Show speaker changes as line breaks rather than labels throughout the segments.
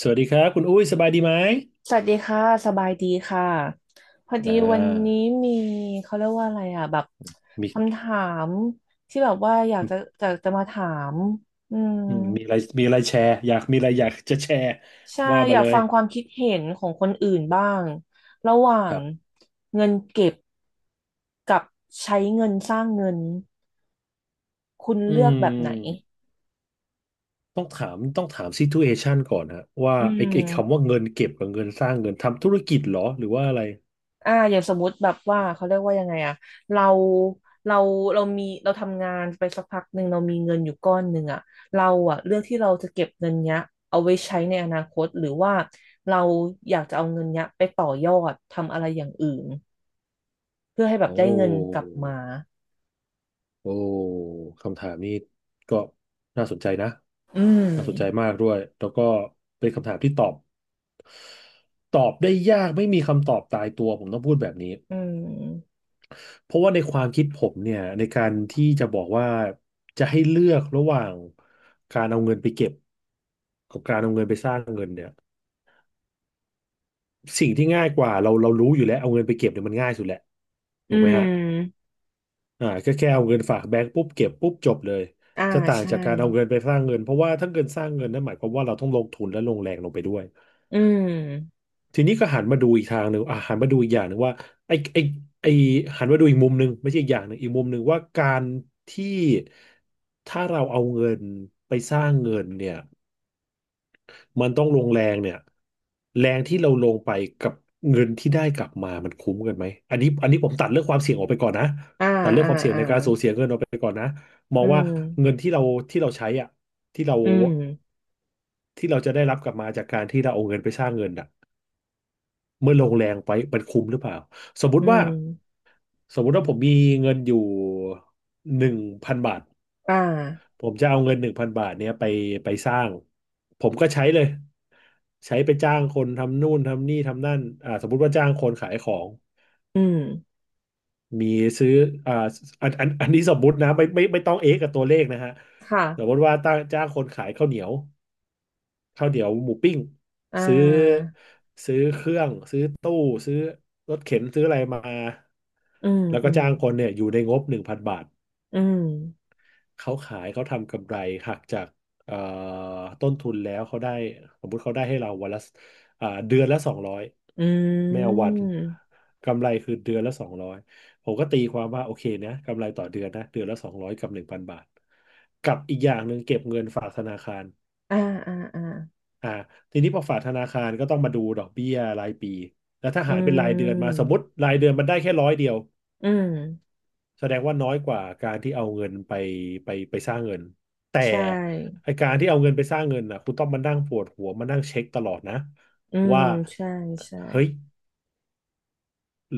สวัสดีครับคุณอุ้ยสบายดีไหม
สวัสดีค่ะสบายดีค่ะพอดี
อ่
วันนี้
า
มีเขาเรียกว่าอะไรอ่ะแบบ
มี
คำถามที่แบบว่าอยากจะจะมาถามอืม
อืมมีอะไรแชร์อยากจะแชร์
ใช่
ว่า
อ
มา
ยา
เล
ก
ย
ฟังความคิดเห็นของคนอื่นบ้างระหว่า
ค
ง
รับ
เงินเก็บกับใช้เงินสร้างเงินคุณ
อื
เลือกแบบไหน
มต้องถามซิทูเอชันก่อนฮะว่า
อืม
ไอ้คำว่าเงินเก็บกับเงินสร้างเงินทำธุรกิจเหรอหรือว่าอะไร
อย่างสมมุติแบบว่าเขาเรียกว่ายังไงอะเราเราเรามีเราทำงานไปสักพักหนึ่งเรามีเงินอยู่ก้อนหนึ่งอะเราอะเลือกที่เราจะเก็บเงินเนี้ยเอาไว้ใช้ในอนาคตหรือว่าเราอยากจะเอาเงินเนี้ยไปต่อยอดทำอะไรอย่างอื่นเพื่อให้แบบ
โอ้
ได้เงินกลับมา
โอ้คำถามนี้ก็น่าสนใจนะ
อืม
น่าสนใจมากด้วยแล้วก็เป็นคำถามที่ตอบได้ยากไม่มีคำตอบตายตัวผมต้องพูดแบบนี้
อืม
เพราะว่าในความคิดผมเนี่ยในการที่จะบอกว่าจะให้เลือกระหว่างการเอาเงินไปเก็บกับการเอาเงินไปสร้างเงินเนี่ยสิ่งที่ง่ายกว่าเรารู้อยู่แล้วเอาเงินไปเก็บเนี่ยมันง่ายสุดแหละ
อื
ถูกไหมฮะ
ม
อ่าก็แค่เอาเงินฝากแบงก์ปุ๊บเก็บปุ๊บจบเลย
อ่า
จะต่าง
ใช่
จากการเอาเงินไปสร้างเงินเพราะว่าถ้าเงินสร้างเงินนั่นหมายความว่าเราต้องลงทุนและลงแรงลงไปด้วย
อืม
ทีนี้ก็หันมาดูอีกทางหนึ่งอ่ะหันมาดูอีกอย่างหนึ่งว่าไอ้ไอ้ไอ้หันมาดูอีกมุมหนึ่งไม่ใช่อีกอย่างหนึ่งอีกมุมหนึ่งว่าการที่ถ้าเราเอาเงินไปสร้างเงินเนี่ยมันต้องลงแรงเนี่ยแรงที่เราลงไปกับเงินที่ได้กลับมามันคุ้มกันไหมอันนี้อันนี้ผมตัดเรื่องความเสี่ยงออกไปก่อนนะ
อ่า
ตัดเรื่อง
อ่า
ของ
อ่า
การสูญเสียเงินออกไปก่อนนะมอ
อื
งว่า
ม
เงินที่เราใช้อ่ะที่เรา
อืม
ที่เราจะได้รับกลับมาจากการที่เราเอาเงินไปสร้างเงินอ่ะ เมื่อลงแรงไปมันคุ้มหรือเปล่าสมมุ
อื
ติว่า
ม
สมมุติว่าผมมีเงินอยู่หนึ่งพันบาท
อ่า
ผมจะเอาเงินหนึ่งพันบาทเนี้ยไปสร้างผมก็ใช้เลยใช้ไปจ้างคนทำนู่นทำนี่ทำนั่นอ่าสมมุติว่าจ้างคนขายของ
อืม
มีซื้ออ่าอันนี้สมมุตินะไม่ต้องเอ๊ะกับตัวเลขนะฮะ
ค่ะ
สมมติว่าตั้งจ้างคนขายข้าวเหนียวข้าวเหนียวหมูปิ้ง
อ่
ซื้อ
า
ซื้อเครื่อง ซื้อตู้ซื้อรถเข็นซื้ออะไรมา
อืม
แล้ว
อื
ก็
ม
จ้างคนเนี่ยอยู่ในงบหนึ่งพันบาท
อืม
เขาขายเขาทำกำไรหักจากเอ่อต้นทุนแล้วเขาได้สมมุติเขาได้ให้เราวันละเดือนละสองร้อย
อื
ไม่เอาวัน
ม
กำไรคือเดือนละสองร้อยผมก็ตีความว่าโอเคนะกำไรต่อเดือนนะเดือนละสองร้อยกับหนึ่งพันบาทกับอีกอย่างหนึ่งเก็บเงินฝากธนาคาร
อ่าอ่าอ่า
อ่าทีนี้พอฝากธนาคารก็ต้องมาดูดอกเบี้ยรายปีแล้วถ้า
อื
หารเป็นรายเดือนมาสม
ม
มติรายเดือนมันได้แค่ร้อยเดียว
อืม
แสดงว่าน้อยกว่าการที่เอาเงินไปสร้างเงินแต่
ใช่
ไอการที่เอาเงินไปสร้างเงินน่ะคุณต้องมานั่งปวดหัวมานั่งเช็คตลอดนะ
อืม
ว่า
ใช่ใช่
เฮ้ย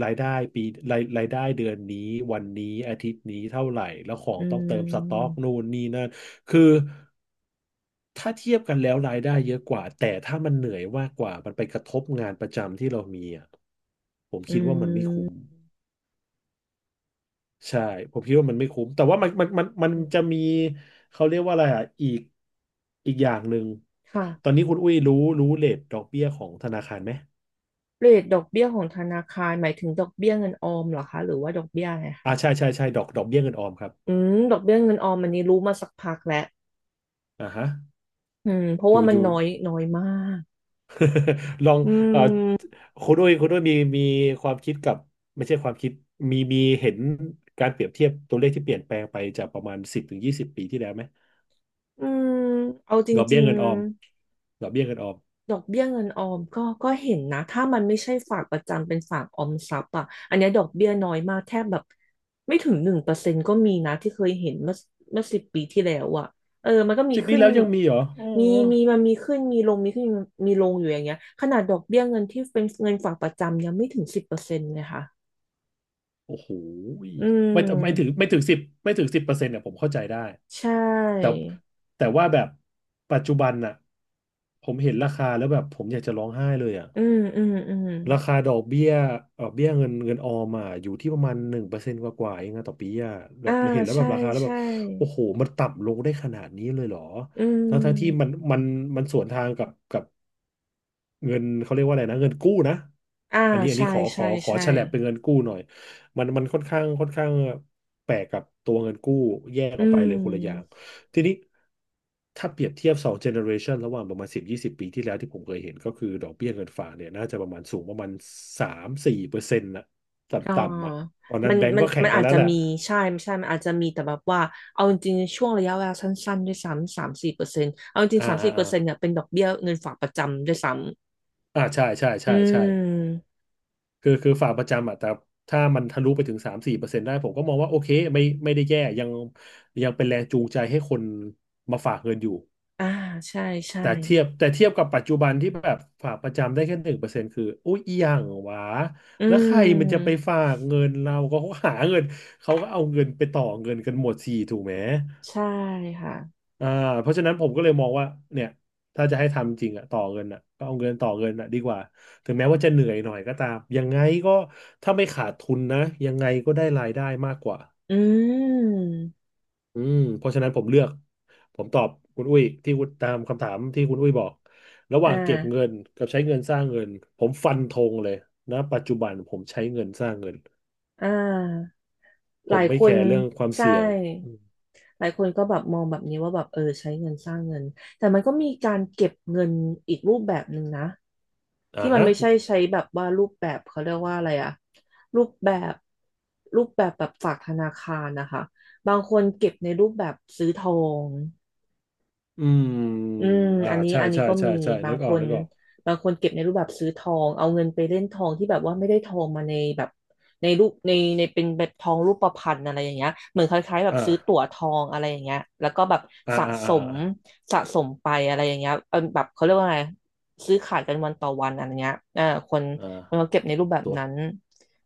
รายได้ปีรายได้เดือนนี้วันนี้อาทิตย์นี้เท่าไหร่แล้วของ
อื
ต้องเติมสต็อก
ม
นู่นนี่นั่นคือถ้าเทียบกันแล้วรายได้เยอะกว่าแต่ถ้ามันเหนื่อยมากกว่ามันไปกระทบงานประจำที่เรามีอ่ะผม
อื
คิดว่ามันไม่คุ้ม
ม
ใช่ผมคิดว่ามันไม่คุ้มแต่ว่ามันจะมีเขาเรียกว่าอะไรอ่ะอีกอย่างหนึ่ง
ค่ะ
ตอนนี้คุณอุ้ยรู้เรทดอกเบี้ยของธนาคารไหม
เรทดอกเบี้ยของธนาคารหมายถึงดอกเบี้ยเงินออมเหรอคะหรือว่าดอกเบี้ยอะไร
อ่า
คะ
ใช่ใช่ใช่ดอกเบี้ยเงินออมครับ
อืมดอกเบี้ยเงินออมอันนี้รู้มาสักพักแล้ว
อ่าฮะ
อืมเพราะว่ามั
อ
น
ยู่
น้อยน้อยมาก
ลอง
อื
เอ่อ
ม
คุณด้วยมีความคิดกับไม่ใช่ความคิดเห็นการเปรียบเทียบตัวเลขที่เปลี่ยนแปลงไปจากประมาณ10 ถึง 20 ปีที่แล้วไหม
อืมเอาจ
ดอก
ริ
เบี้ย
ง
เงินออม
ๆ
ดอกเบี้ยเงินออม
ดอกเบี้ยเงินออมก็เห็นนะ ถ้ามันไม่ใช่ฝากประจำเป็นฝากออมทรัพย์อ่ะอันเนี้ยดอกเบี้ยน้อยมากแทบแบบไม่ถึง1%ก็มีนะที่เคยเห็นเมื่อ10 ปีที่แล้วอ่ะเออมันก็มี
สิบปี
ขึ้น
แล้วยังมีเหรออ๋อ
มีมีขึ้นมีลงมีขึ้นมีลงอยู่อย่างเงี้ยขนาดดอกเบี้ยเงินที่เป็นเงินฝากประจำยังไม่ถึง10%เลยค่ะ
โอ้โหย
อืม
ไม่ถึง10%เนี่ยผมเข้าใจได้
ใช่
แต่แต่ว่าแบบปัจจุบันน่ะผมเห็นราคาแล้วแบบผมอยากจะร้องไห้เลยอ่ะ
อืมอืมอืม
ราคาดอกเบี้ยเงินออมอ่ะอยู่ที่ประมาณ1%กว่าๆเองอะต่อปีอ่ะแบ
อ่า
บเห็นแล้วแบ
ใช่
บราคาแล้วแบ
ใช่
บโอ้โหมันต่ำลงได้ขนาดนี้เลยเหรอ
อื
ทั้งๆที่
ม
มันสวนทางกับ เงินเขาเรียกว่าอะไรนะเงินกู้นะ
อ่า
อันนี้อัน
ใช่
นี้ขอขอ
ใช่
ขอ
ใช่
ฉลับเป็นเงินกู้หน่อยมันค่อนข้างแปลกกับตัวเงินกู้แยก
อื
ออกไปเลยคนละอย่าง
ม
ทีนี้ถ้าเปรียบเทียบ2 เจเนอเรชันระหว่างประมาณ10-20 ปีที่แล้วที่ผมเคยเห็นก็คือดอกเบี้ยเงินฝากเนี่ยน่าจะประมาณสูงประมาณสามสี่เปอร์เซ็นต์นะต
อ๋อ
่ำๆอ่ะตอนนั้นแบงก์ก็แข่
มั
ง
น
กัน
อาจ
แล้ว
จะ
แหละ
มีใช่ไม่ใช่มันอาจจะมีแต่แบบว่าเอาจริงๆช่วงระยะเวลาสั้นๆด้วยซ้ำสามสี่เปอร์เซ็นต์เอาจริง
อ่า
สาม
อ่า
สี่เปอ
อ่า
ร์เซ็นต์เนี่ยเป็นดอกเบี้ยเงินฝากประจำด้วยซ้ำ
อ่าใช่ใช่
อื
ใช่ใช่
ม
คือฝากประจำอ่ะแต่ถ้ามันทะลุไปถึงสามสี่เปอร์เซ็นต์ได้ผมก็มองว่าโอเคไม่ได้แย่ยังเป็นแรงจูงใจให้คนมาฝากเงินอยู่
อ่าใช่ใช่
แต่เทียบกับปัจจุบันที่แบบฝากประจำได้แค่1%คืออุ้ยอหย่างหวะ
อื
แล้วใครมันจะไป
ม
ฝากเงินเราก็เขาหาเงินเขาก็เอาเงินไปต่อเงินกันหมดสี่ถูกไหม
ใช่ค่ะ
อ่าเพราะฉะนั้นผมก็เลยมองว่าเนี่ยถ้าจะให้ทำจริงอะต่อเงินอะก็เอาเงินต่อเงินอะดีกว่าถึงแม้ว่าจะเหนื่อยหน่อยก็ตามยังไงก็ถ้าไม่ขาดทุนนะยังไงก็ได้รายได้มากกว่า
อืม
อืมเพราะฉะนั้นผมตอบคุณอุ้ยที่คุณตามคำถามที่คุณอุ้ยบอกระห
อ่
ว่างเก็บเงิ
า
นกับใช้เงินสร้างเงินผมฟันธงเลยนะปัจจุบันผมใช้เงินสร้างเงิน
อ่า
ผ
หลา
ม
ย
ไม่
ค
แค
น
ร์เรื่องความ
ใช่
เสี่ยงอืม
หลายคนก็แบบมองแบบนี้ว่าแบบเออใช้เงินสร้างเงิน แต่มันก็มีการเก็บเงินอีกรูปแบบหนึ่งนะ
อ่า
ที่มัน
ฮะ
ไม่ใช่ใช้แบบว่ารูปแบบเขาเรียกว่าอะไรอะรูปแบบรูปแบบแบบฝากธนาคารนะคะบางคนเก็บในรูปแบบซื้อทอง
อืม
อืม
อ่า
อันนี้
ใช่ใช่
ก็
ใช่
มี
ใช่
บา
นึ
ง
กอ
ค
อก
น
นึกออก
บางคนเก็บในรูปแบบซื้อทองเอาเงินไปเล่นทองที่แบบว่าไม่ได้ทองมาในแบบในรูปในเป็นแบบทองรูปพรรณอะไรอย่างเงี้ยเหมือนคล้ายๆแบบ
อ่า
ซื้อตั๋วทองอะไรอย่างเงี้ยแล้วก็แบบ
อ่า
สะ
อ่า
ส
อ่า
ม
อ่า
สะสมไปอะไรอย่างเงี้ยเออแบบเขาเรียกว่าไงซื้อขายกันวันต่อวันอะไรเงี้ยอ่า
อ
คนเขา
่า
เก็บในรูปแบบ
ตัว
นั้น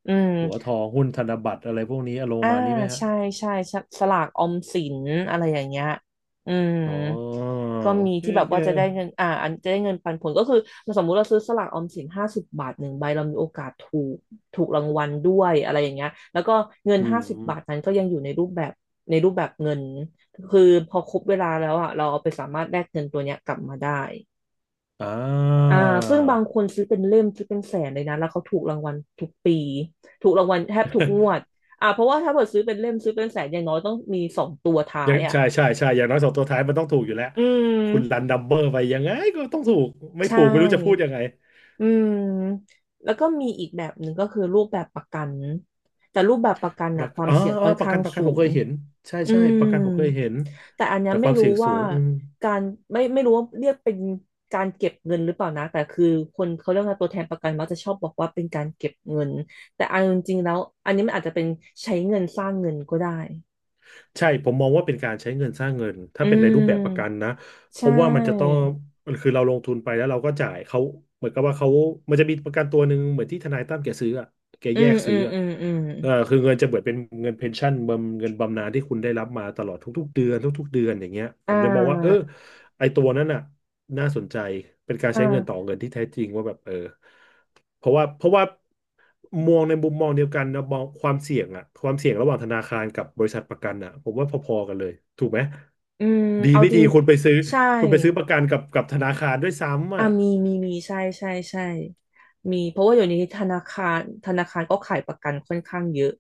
อืม
ตัวทองหุ้นธนบัตรอะไรพวกนี้อารมณ์ป
อ่า
ระมาณนี้ไหมฮะ
ใช่ใช่สสลากออมสินอะไรอย่างเงี้ยอืม
อ๋อ
ก็
โอ
มี
เค
ที่แบ
โอ
บ
เค
ว่าจะได้เงินอ่าอันจะได้เงินปันผลก็คือสมมุติเราซื้อสลากออมสินห้าสิบบาทหนึ่งใบเรามีโอกาสถูกถูกรางวัลด้วยอะไรอย่างเงี้ยแล้วก็เงิน
อืม
ห้าสิบ
อม
บาทนั้นก็ยังอยู่ในรูปแบบในรูปแบบเงินคือพอครบเวลาแล้วอ่ะเราเอาไปสามารถแลกเงินตัวเนี้ยกลับมาได้
อ่
อ่า
า
ซึ่งบางคนซื้อเป็นเล่มซื้อเป็นแสนเลยนะแล้วเขาถูกรางวัลทุกปีถูกรางวัลแทบทุกงวดอ่าเพราะว่าถ้าเกิดซื้อเป็นเล่มซื้อเป็นแสนอย่างน้อยต้องมีสองตัวท้า
อย่า
ย
ง
อ่ะ
ใช่ใช่ใช่อย่างน้อย2 ตัวท้ายมันต้องถูกอยู่แล้ว
อื
คุณรัน
ม
ดัมเบอร์ไปยังไงก็ต้องถูกไม่
ใช
ถูกไม่รู้จะพูด
่
ยังไง
อืมแล้วก็มีอีกแบบหนึ่งก็คือรูปแบบประกันแต่รูปแบบประกัน
ป
นะ
ระ
ค
กัน
วาม
อ๋อ
เสี่ยง
อ๋อ
ค่อน
ประ
ข้า
กั
ง
นประกัน
สู
ผมเค
ง
ยเห็นใช่
อื
ใช่
ม
ประกันผมเคยเห็น
แต่อันเนี้ย
แต่ค
ไม่
วาม
รู้
เสี่ยงสู
ว่า
งอืม
การไม่รู้ว่าเรียกเป็นการเก็บเงินหรือเปล่านะแต่คือคนเขาเรียกว่าตัวแทนประกันมักจะชอบบอกว่าเป็นการเก็บเงินแต่เอาจริงๆแล้วอันนี้มันอาจจะเป็นใช้เงินสร้างเงินก็ได้
ใช่ผมมองว่าเป็นการใช้เงินสร้างเงินถ้า
อื
เป็นในรูปแบบประกัน
ม
นะ
ใช
เพราะว่ามันจะต้อง
่
มันคือเราลงทุนไปแล้วเราก็จ่ายเขาเหมือนกับว่าเขามันจะมีประกันตัวหนึ่งเหมือนที่ทนายตั้มแกซื้ออะแก
อื
แย
ม
ก
อื
ซื้อ
ม
อะ
อืมอืม
เออคือเงินจะเหมือนเป็นเงินเพนชั่นบำเงินบำนาญที่คุณได้รับมาตลอดทุกๆเดือนทุกๆเดือนอย่างเงี้ยผ
อ่
มเลยมองว่าเออ
า
ไอตัวนั้นน่ะน่าสนใจเป็นการใช้เงินต่อ
อ่า
เงินที่แท้จริงว่าแบบเออ เพราะว่ามองในมุมมองเดียวกันนะมองความเสี่ยงอะความเสี่ยงระหว่างธนาคารกับบริษัทประกันอะผมว่าพอๆกันเลยถูกไหม
อืม
ดี
เอา
ไม่
จ
ดี
ริง
คุณไปซื้อ
ใช่
คุณไปซื้อประกันกับธนาคารด้วยซ้ำ
อ่า
อะ
มีใช่ใช่ใช่มีเพราะว่าอยู่นี้ธนาคารก็ขายประกันค่อนข้างเยอะ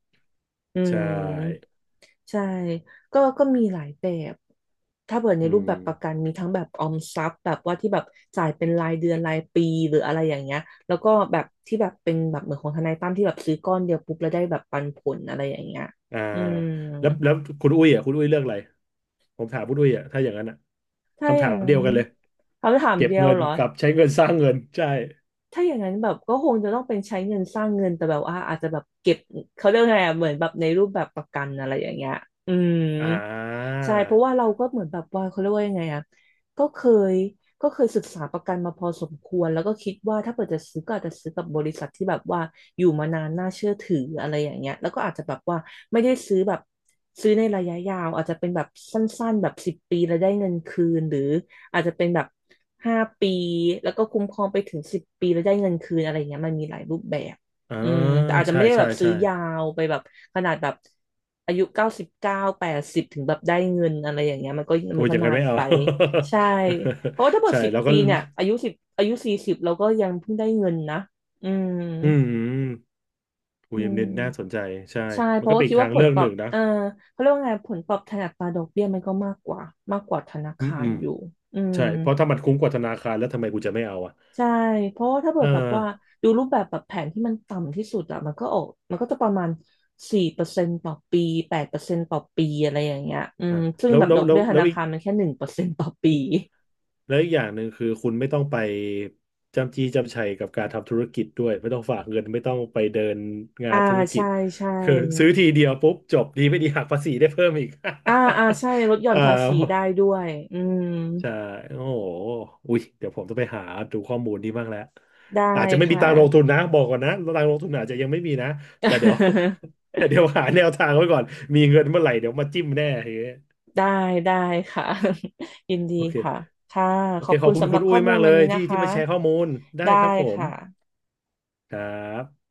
อื
ใช
ม
่
ใช่ก็มีหลายแบบ ถ้าเปิดใน
อื
รูป
ม
แบบประกันมีทั้งแบบออมทรัพย์แบบว่าที่แบบจ่ายเป็นรายเดือนรายปีหรืออะไรอย่างเงี้ย แล้วก็แบบที่แบบเป็นแบบเหมือนของทนายตั้มที่แบบซื้อก้อนเดียวปุ๊บแล้วได้แบบปันผลอะไรอย่างเงี้ย
อ่า
อืม
แล้วคุณอุ้ยอ่ะคุณอุ้ยเลือกอะไรผมถามคุณอุ้ยอ่ะถ้าอย่างนั้นอ่ะ
ถ้า
คำ
อ
ถา
ย่า
ม
งนั้
เดีย
น
วกันเลย
คำถาม
เก็บ
เดียว
เงิน
เหรอ
กับใช้เงินสร้างเงินใช่
ถ้าอย่างนั้นแบบก็คงจะต้องเป็นใช้เงินสร้างเงินแต่แบบว่าอาจจะแบบเก็บเขาเรียกไงอะเหมือนแบบในรูปแบบประกันอะไรอย่างเงี้ยอืม
อ่า
ใช่เพราะว่าเราก็เหมือนแบบว่าเขาเรียกว่ายังไงอะก็เคยก็เคยศึกษาประกันมาพอสมควรแล้วก็คิดว่าถ้าเกิดจะซื้อก็อาจจะซื้อกับบริษัทที่แบบว่าอยู่มานานน่าเชื่อถืออะไรอย่างเงี้ยแล้วก็อาจจะแบบว่าไม่ได้ซื้อแบบซื้อในระยะยาวอาจจะเป็นแบบสั้นๆแบบสิบปีแล้วได้เงินคืนหรือ อาจจะเป็นแบบ5 ปีแล้วก็คุ้มครองไปถึงสิบปีแล้วได้เงินคืนอะไรเงี้ยมันมีหลายรูปแบบ
อ่า
อืมแต่อาจจะ
ใช่
ไม่ได้แบ
ใช่
บซื้อ
ใช่
ยาวไปแบบขนาดแบบอายุ90เก้า80ถึงแบบได้เงินอะไรอย่างเงี้ยมันก็
โอ้
มัน
ยอ
ก็
ย่าง
นา
นั้น
น
ไม่เอา
ไปใช่เพราะว่าถ้าหม ด
ใช่
สิบ
แล้วก็
ปีเนี่ยอายุสิบอายุ40เราก็ยังเพิ่งได้เงินนะอืม
อืมอู
อื
เอ็มเน็ตน่าสน
ม
ใจใช่
ใช่เพ
มันก็
ราะว่า
เป็น
คิ
อีก
ด
ทา
ว่า
ง
ผ
เลื
ล
อก
ตอ
ห
บ
นึ่งนะ
เขาเรียกว่าไงผลตอบแทนอัตราดอกเบี้ยมันก็มากกว่าธนา
อืม
คา
อื
ร
ม
อยู่อืม
ใช่เพราะถ้ามันคุ้มกว่าธนาคารแล้วทำไมกูจะไม่เอาอ่ะ
ใช่ เพราะว่าถ้าเกิ
เออ
ดแบบว่าดูรูปแบบแบบแผนที่มันต่ำที่สุดอะมันก็จะประมาณ4%ต่อปี8%ต่อปีอะไรอย่างเงี้ยอื
อ่ะ
มซึ่ง
แล้ว
แบบ
แล้
ด
ว
อก
แล้ว
เบี้ยธ
แล้ว
นา
อีก
คารมันแค่1%ต่อปี
แล้วอีกอย่างหนึ่งคือคุณไม่ต้องไปจำจี้จำชัยกับการทำธุรกิจด้วยไม่ต้องฝากเงินไม่ต้องไปเดินงา
อ่า
นธุรกิ
ใช่
จ
ใช่
คือซื้อทีเดียวปุ๊บจบดีไม่ดีหักภาษีได้เพิ่มอีก
อ่าอ่าใช่ลดห ย่อน
เอ่า
ภาษีได้ด้วยอืม
ใช่ โอ้โหอุ้ยเดี๋ยวผมจะไปหาดูข้อมูลนี้บ้างแล้ว
ได้
อาจจะไม่มี
ค่ะ
ตังค์ลงทุนนะ บอกก่อนนะตังค์ลงทุนอาจจะยังไม่มีนะ แต่เดี๋ยว แต่เดี๋ยวหาแนวทางไว้ก่อน มีเงินเมื่อไหร่เดี๋ยวมาจิ้มแน่เฮ้ย
ได้ได้ค่ะ ยินดี
โอเค
ค่ะค่ะ
โอ
ขอ
เค
บ
ข
คุ
อบ
ณ
คุณ
สำห
คุ
รั
ณ
บข้
อุ้
อ
ย
มู
มา
ล
กเล
วัน
ย
นี้นะ
ที่
คะ
ที่มาแชร์ข้อมูล ได้
ได้
ครับผม
ค่ะ
ครับ